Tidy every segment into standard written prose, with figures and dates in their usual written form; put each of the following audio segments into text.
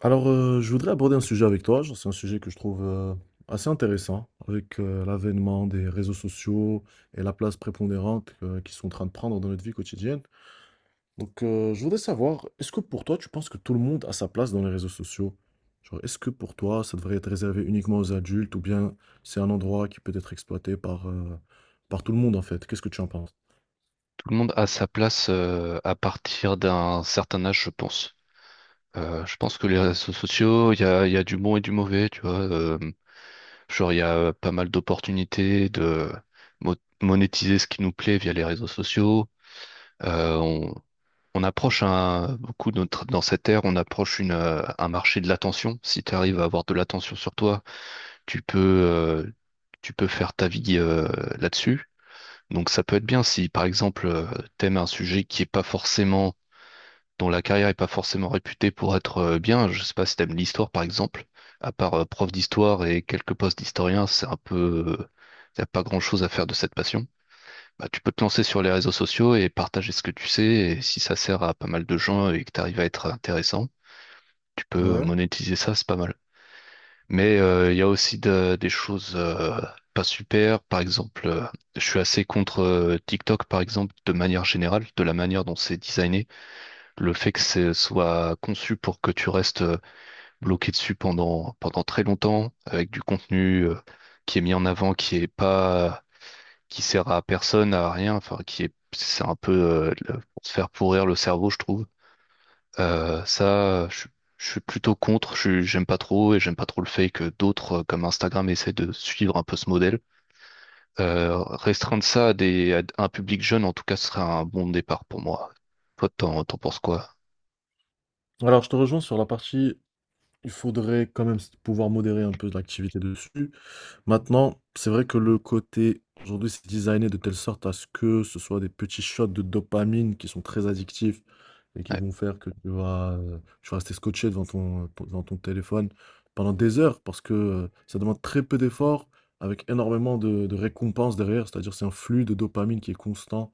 Je voudrais aborder un sujet avec toi. Genre, c'est un sujet que je trouve assez intéressant avec l'avènement des réseaux sociaux et la place prépondérante qu'ils sont en train de prendre dans notre vie quotidienne. Je voudrais savoir, est-ce que pour toi, tu penses que tout le monde a sa place dans les réseaux sociaux? Genre, est-ce que pour toi, ça devrait être réservé uniquement aux adultes ou bien c'est un endroit qui peut être exploité par par tout le monde en fait? Qu'est-ce que tu en penses? Tout le monde a sa place à partir d'un certain âge, je pense. Je pense que les réseaux sociaux, il y a du bon et du mauvais, tu vois. Genre, il y a pas mal d'opportunités de mo- monétiser ce qui nous plaît via les réseaux sociaux. Euh, on, on approche dans cette ère, on approche un marché de l'attention. Si tu arrives à avoir de l'attention sur toi, tu peux, euh, tu peux faire ta vie là-dessus. Donc ça peut être bien si par exemple t'aimes un sujet qui est pas forcément dont la carrière est pas forcément réputée pour être bien. Je sais pas si t'aimes l'histoire, par exemple. À part prof d'histoire et quelques postes d'historien, c'est un peu, y a pas grand-chose à faire de cette passion. Bah, tu peux te lancer sur les réseaux sociaux et partager ce que tu sais. Et si ça sert à pas mal de gens et que tu arrives à être intéressant, tu peux Ouais. monétiser ça, c'est pas mal. Mais il y a aussi des choses pas super. Par exemple, je suis assez contre TikTok, par exemple, de manière générale, de la manière dont c'est designé. Le fait que ce soit conçu pour que tu restes bloqué dessus pendant très longtemps, avec du contenu qui est mis en avant, qui est pas, qui sert à personne, à rien, enfin, qui est, c'est un peu pour se faire pourrir le cerveau, je trouve. Euh, ça, je, je suis plutôt contre, j'aime pas trop et j'aime pas trop le fait que d'autres, comme Instagram, essaient de suivre un peu ce modèle. Restreindre ça à, des, à un public jeune, en tout cas, ce serait un bon départ pour moi. Toi, t'en penses quoi? Alors, je te rejoins sur la partie, il faudrait quand même pouvoir modérer un peu l'activité dessus. Maintenant, c'est vrai que le côté, aujourd'hui, c'est designé de telle sorte à ce que ce soit des petits shots de dopamine qui sont très addictifs et qui Ouais, vont faire que tu vas rester scotché devant devant ton téléphone pendant des heures parce que ça demande très peu d'efforts avec énormément de récompenses derrière. C'est-à-dire, c'est un flux de dopamine qui est constant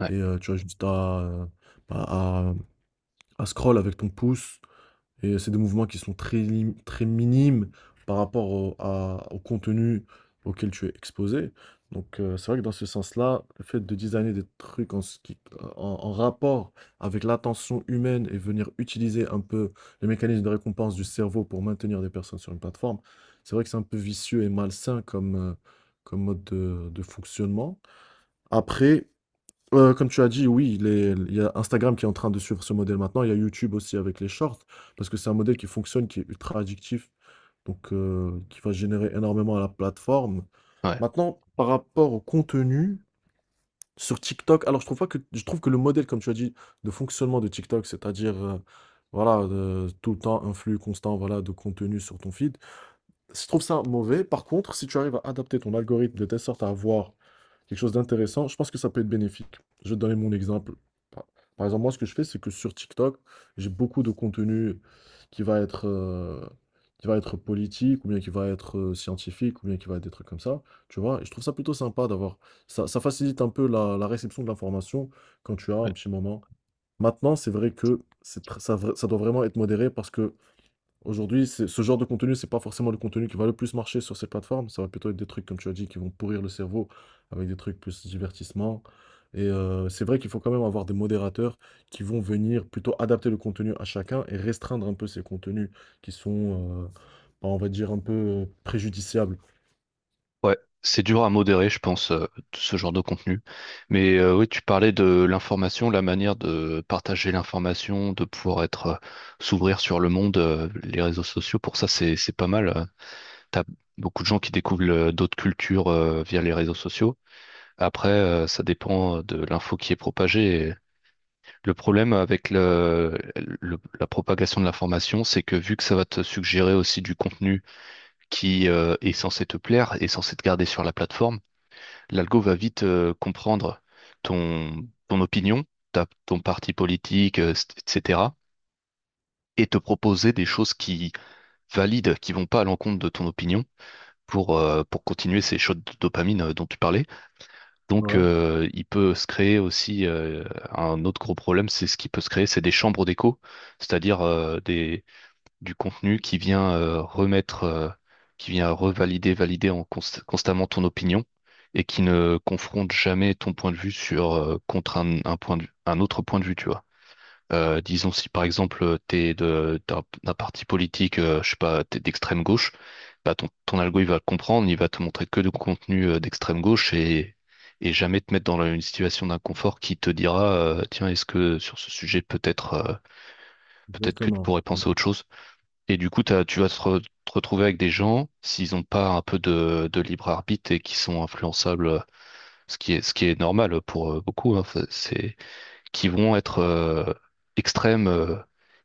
ouais, tu as juste bah, à, à scroll avec ton pouce et c'est des mouvements qui sont très minimes par rapport au contenu auquel tu es exposé. C'est vrai que dans ce sens-là, le fait de designer des trucs en, ce qui- en- en rapport avec l'attention humaine et venir utiliser un peu les mécanismes de récompense du cerveau pour maintenir des personnes sur une plateforme, c'est vrai que c'est un peu vicieux et malsain comme mode de fonctionnement. Après, Comme tu as dit, oui, il y a Instagram qui est en train de suivre ce modèle maintenant. Il y a YouTube aussi avec les shorts, parce que c'est un modèle qui fonctionne, qui est ultra addictif, qui va générer énormément à la plateforme. ouais, Maintenant, par rapport au contenu sur TikTok, alors je trouve pas que je trouve que le modèle, comme tu as dit, de fonctionnement de TikTok, c'est-à-dire voilà, tout le temps un flux constant, voilà, de contenu sur ton feed. Je trouve ça mauvais. Par contre, si tu arrives à adapter ton algorithme de telle sorte à avoir quelque chose d'intéressant, je pense que ça peut être bénéfique. Je vais te donner mon exemple. Par par exemple, moi, ce que je fais, c'est que sur TikTok, j'ai beaucoup de contenu qui va être, euh, qui va être politique, ou bien qui va être scientifique, ou bien qui va être des trucs comme ça. Tu vois, et je trouve ça plutôt sympa d'avoir. Ça facilite un peu la réception de l'information quand tu as ouais. un petit moment. Maintenant, c'est vrai que c'est tr- ça, vra- ça doit vraiment être modéré parce que Aujourd'hui, c'est ce genre de contenu, c'est pas forcément le contenu qui va le plus marcher sur ces plateformes. Ça va plutôt être des trucs, comme tu as dit, qui vont pourrir le cerveau avec des trucs plus divertissement. C'est vrai qu'il faut quand même avoir des modérateurs qui vont venir plutôt adapter le contenu à chacun et restreindre un peu ces contenus qui sont, euh, on va dire, un peu préjudiciables. Ouais, c'est dur à modérer, je pense, ce genre de contenu. Mais oui, tu parlais de l'information, la manière de partager l'information, de pouvoir être, s'ouvrir sur le monde, les réseaux sociaux. Pour ça, c'est pas mal. T'as beaucoup de gens qui découvrent d'autres cultures via les réseaux sociaux. Après, ça dépend de l'info qui est propagée. Et le problème avec la propagation de l'information, c'est que vu que ça va te suggérer aussi du contenu qui est censé te plaire, est censé te garder sur la plateforme, l'algo va vite comprendre ton opinion, ton parti politique, etc., et te proposer des choses qui valident, qui vont pas à l'encontre de ton opinion, pour continuer ces shots de dopamine dont tu parlais. Donc, Ouais, il peut se créer aussi un autre gros problème, c'est ce qui peut se créer, c'est des chambres d'écho, c'est-à-dire du contenu qui vient qui vient valider en constamment ton opinion et qui ne confronte jamais ton point de vue sur contre un un autre point de vue, tu vois. Disons si par exemple t'es de d'un d'un parti politique, je sais pas, t'es d'extrême gauche, bah ton algo il va le comprendre, il va te montrer que du contenu d'extrême gauche et jamais te mettre dans une situation d'inconfort qui te dira tiens, est-ce que sur ce sujet peut-être peut-être que tu exactement. pourrais penser à autre chose. Et du coup tu vas te retrouver avec des gens s'ils ont pas un peu de libre arbitre et qui sont influençables, ce qui est normal pour beaucoup, hein, c'est qui vont être extrêmes,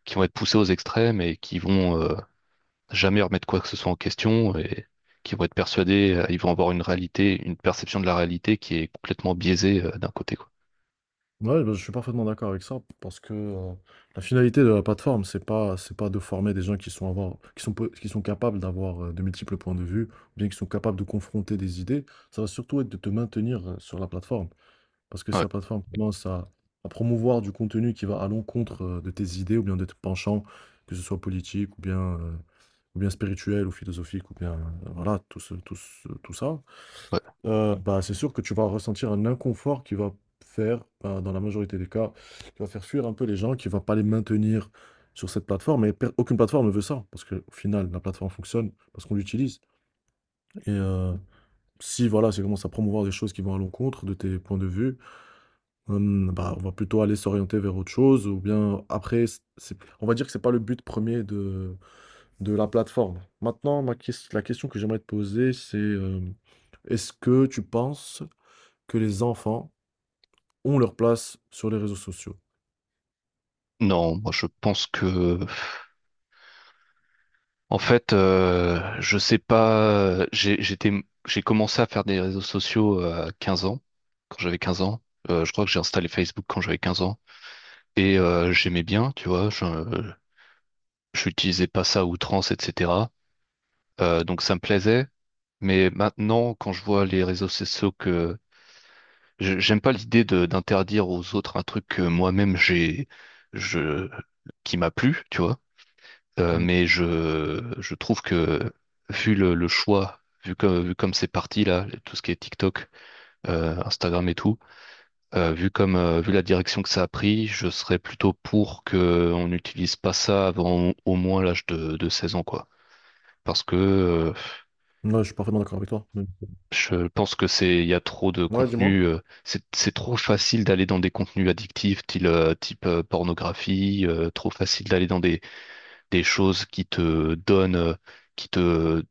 qui vont être poussés aux extrêmes et qui vont jamais remettre quoi que ce soit en question et qui vont être persuadés, ils vont avoir une réalité, une perception de la réalité qui est complètement biaisée d'un côté, quoi. Ouais, bah, je suis parfaitement d'accord avec ça, parce que la finalité de la plateforme, c'est pas de former des gens qui sont, avoir, qui sont, peu- qui sont capables d'avoir de multiples points de vue, ou bien qui sont capables de confronter des idées. Ça va surtout être de te maintenir sur la plateforme. Parce que si Ouais, la plateforme à promouvoir du contenu qui va à l'encontre de tes idées, ou bien de tes penchants, que ce soit politique, ou bien spirituel, ou philosophique, ou bien voilà, tout ça, ouais. Bah, c'est sûr que tu vas ressentir un inconfort qui va faire, bah, dans la majorité des cas, qui va faire fuir un peu les gens, qui va pas les maintenir sur cette plateforme. Et aucune plateforme ne veut ça, parce qu'au final, la plateforme fonctionne parce qu'on l'utilise. Et euh, Si voilà, ça commence à promouvoir des choses qui vont à l'encontre de tes points de vue, bah, on va plutôt aller s'orienter vers autre chose, ou bien après, on va dire que c'est pas le but premier de la plateforme. Maintenant, la question que j'aimerais te poser, c'est est-ce que tu penses que les enfants ont leur place sur les réseaux sociaux. Non, moi je pense que, en fait, je sais pas, j'ai commencé à faire des réseaux sociaux à 15 ans, quand j'avais 15 ans. Je crois que j'ai installé Facebook quand j'avais 15 ans. Et j'aimais bien, tu vois, j'utilisais pas ça à outrance, etc. Donc ça me plaisait, mais maintenant, quand je vois les réseaux sociaux que j'aime pas l'idée de d'interdire aux autres un truc que moi-même j'ai je qui m'a plu, tu vois. Euh, Mmh. mais je je trouve que vu le choix, vu comme c'est parti là, tout ce qui est TikTok, Instagram et tout, vu la direction que ça a pris, je serais plutôt pour que on n'utilise pas ça avant au moins l'âge de 16 ans, quoi. Parce que Ouais, je suis parfaitement d'accord avec toi. Mmh. je pense que c'est, il y a trop de Ouais, dis-moi? contenu, c'est trop facile d'aller dans des contenus addictifs, type, pornographie, trop facile d'aller dans des choses qui te donnent, qui te,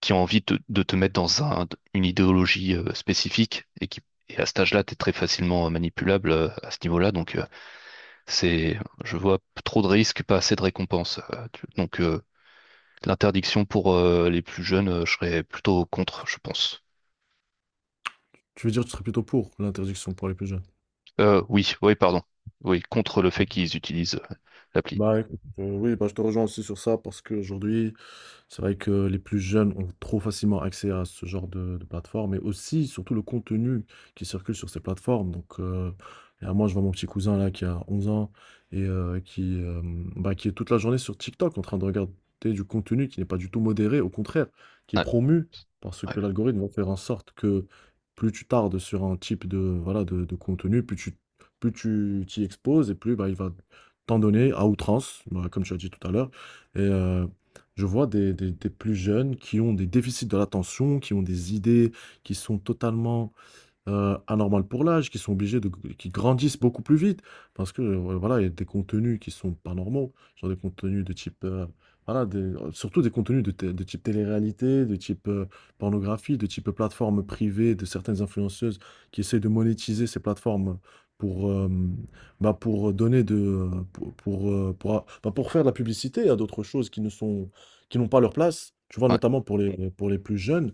qui ont envie de te mettre dans une idéologie spécifique et à cet âge-là, t'es très facilement manipulable à ce niveau-là. Donc, c'est, je vois trop de risques, pas assez de récompenses. L'interdiction pour les plus jeunes, je serais plutôt contre, je pense. Tu veux dire que tu serais plutôt pour l'interdiction pour les plus jeunes? Oui, oui, pardon. Oui, contre le fait Yeah. qu'ils utilisent l'appli. Bah écoute, oui, bah, je te rejoins aussi sur ça parce qu'aujourd'hui c'est vrai que les plus jeunes ont trop facilement accès à ce genre de plateforme mais aussi, surtout, le contenu qui circule sur ces plateformes. Là, moi, je vois mon petit cousin là qui a 11 ans et euh, qui, euh, qui est toute la journée sur TikTok en train de regarder du contenu qui n'est pas du tout modéré, au contraire, qui est Ouais, promu parce ouais, que l'algorithme va faire en sorte que plus tu tardes sur un type de contenu, plus tu t'y exposes et plus bah, il va t'en donner à outrance, bah, comme tu as dit tout à l'heure. Et, euh, je vois des plus jeunes qui ont des déficits de l'attention, qui ont des idées qui sont totalement anormal pour l'âge, qui sont obligés de, qui grandissent beaucoup plus vite, parce que voilà, il y a des contenus qui sont pas normaux, genre des contenus de type, voilà, des- surtout des contenus de type télé-réalité, de type pornographie, de type plateforme privée de certaines influenceuses qui essaient de monétiser ces plateformes pour, bah, pour donner de, pour bah, pour faire de la publicité à d'autres choses qui ne sont, qui n'ont pas leur place. Tu vois, ouais, notamment pour pour les plus jeunes,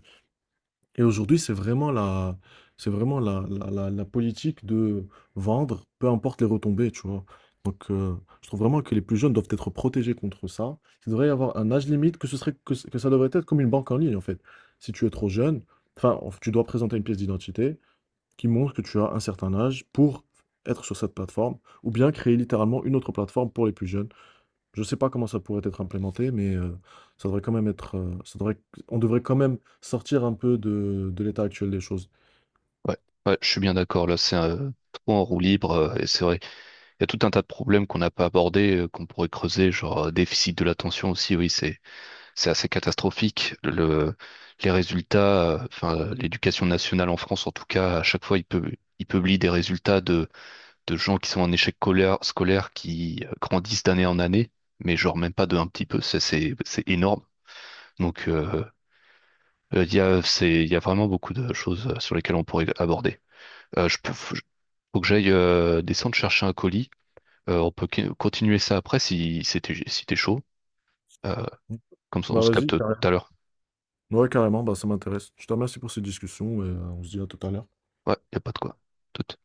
et aujourd'hui, c'est vraiment la politique de vendre, peu importe les retombées, tu vois. Donc, euh, je trouve vraiment que les plus jeunes doivent être protégés contre ça. Il devrait y avoir un âge limite, que ce serait, que, ce- que ça devrait être comme une banque en ligne, en fait. Si tu es trop jeune, tu dois présenter une pièce d'identité qui montre que tu as un certain âge pour être sur cette plateforme, ou bien créer littéralement une autre plateforme pour les plus jeunes. Je sais pas comment ça pourrait être implémenté, ça devrait quand même être, ça devrait on devrait quand même sortir un peu de l'état actuel des choses. ouais, ouais, je suis bien d'accord. Là, c'est trop en roue libre. Et c'est vrai, il y a tout un tas de problèmes qu'on n'a pas abordés, qu'on pourrait creuser, genre déficit de l'attention aussi. Oui, c'est assez catastrophique. Les résultats, l'éducation nationale en France, en tout cas, à chaque fois, il peut. Il publie des résultats de gens qui sont en échec scolaire, scolaire qui grandissent d'année en année, mais genre même pas de un petit peu, c'est énorme. Donc, il y a vraiment beaucoup de choses sur lesquelles on pourrait aborder. Euh, je peux, faut, Faut que j'aille descendre chercher un colis. On peut continuer ça après si, si t'es chaud. Euh, Comme ça, on Bah, se capte vas-y, carrément. tout à l'heure. Ouais, carrément, bah, ça m'intéresse. Je te remercie pour cette discussion et on se dit à tout à l'heure. Ouais, y a pas de quoi. Tout-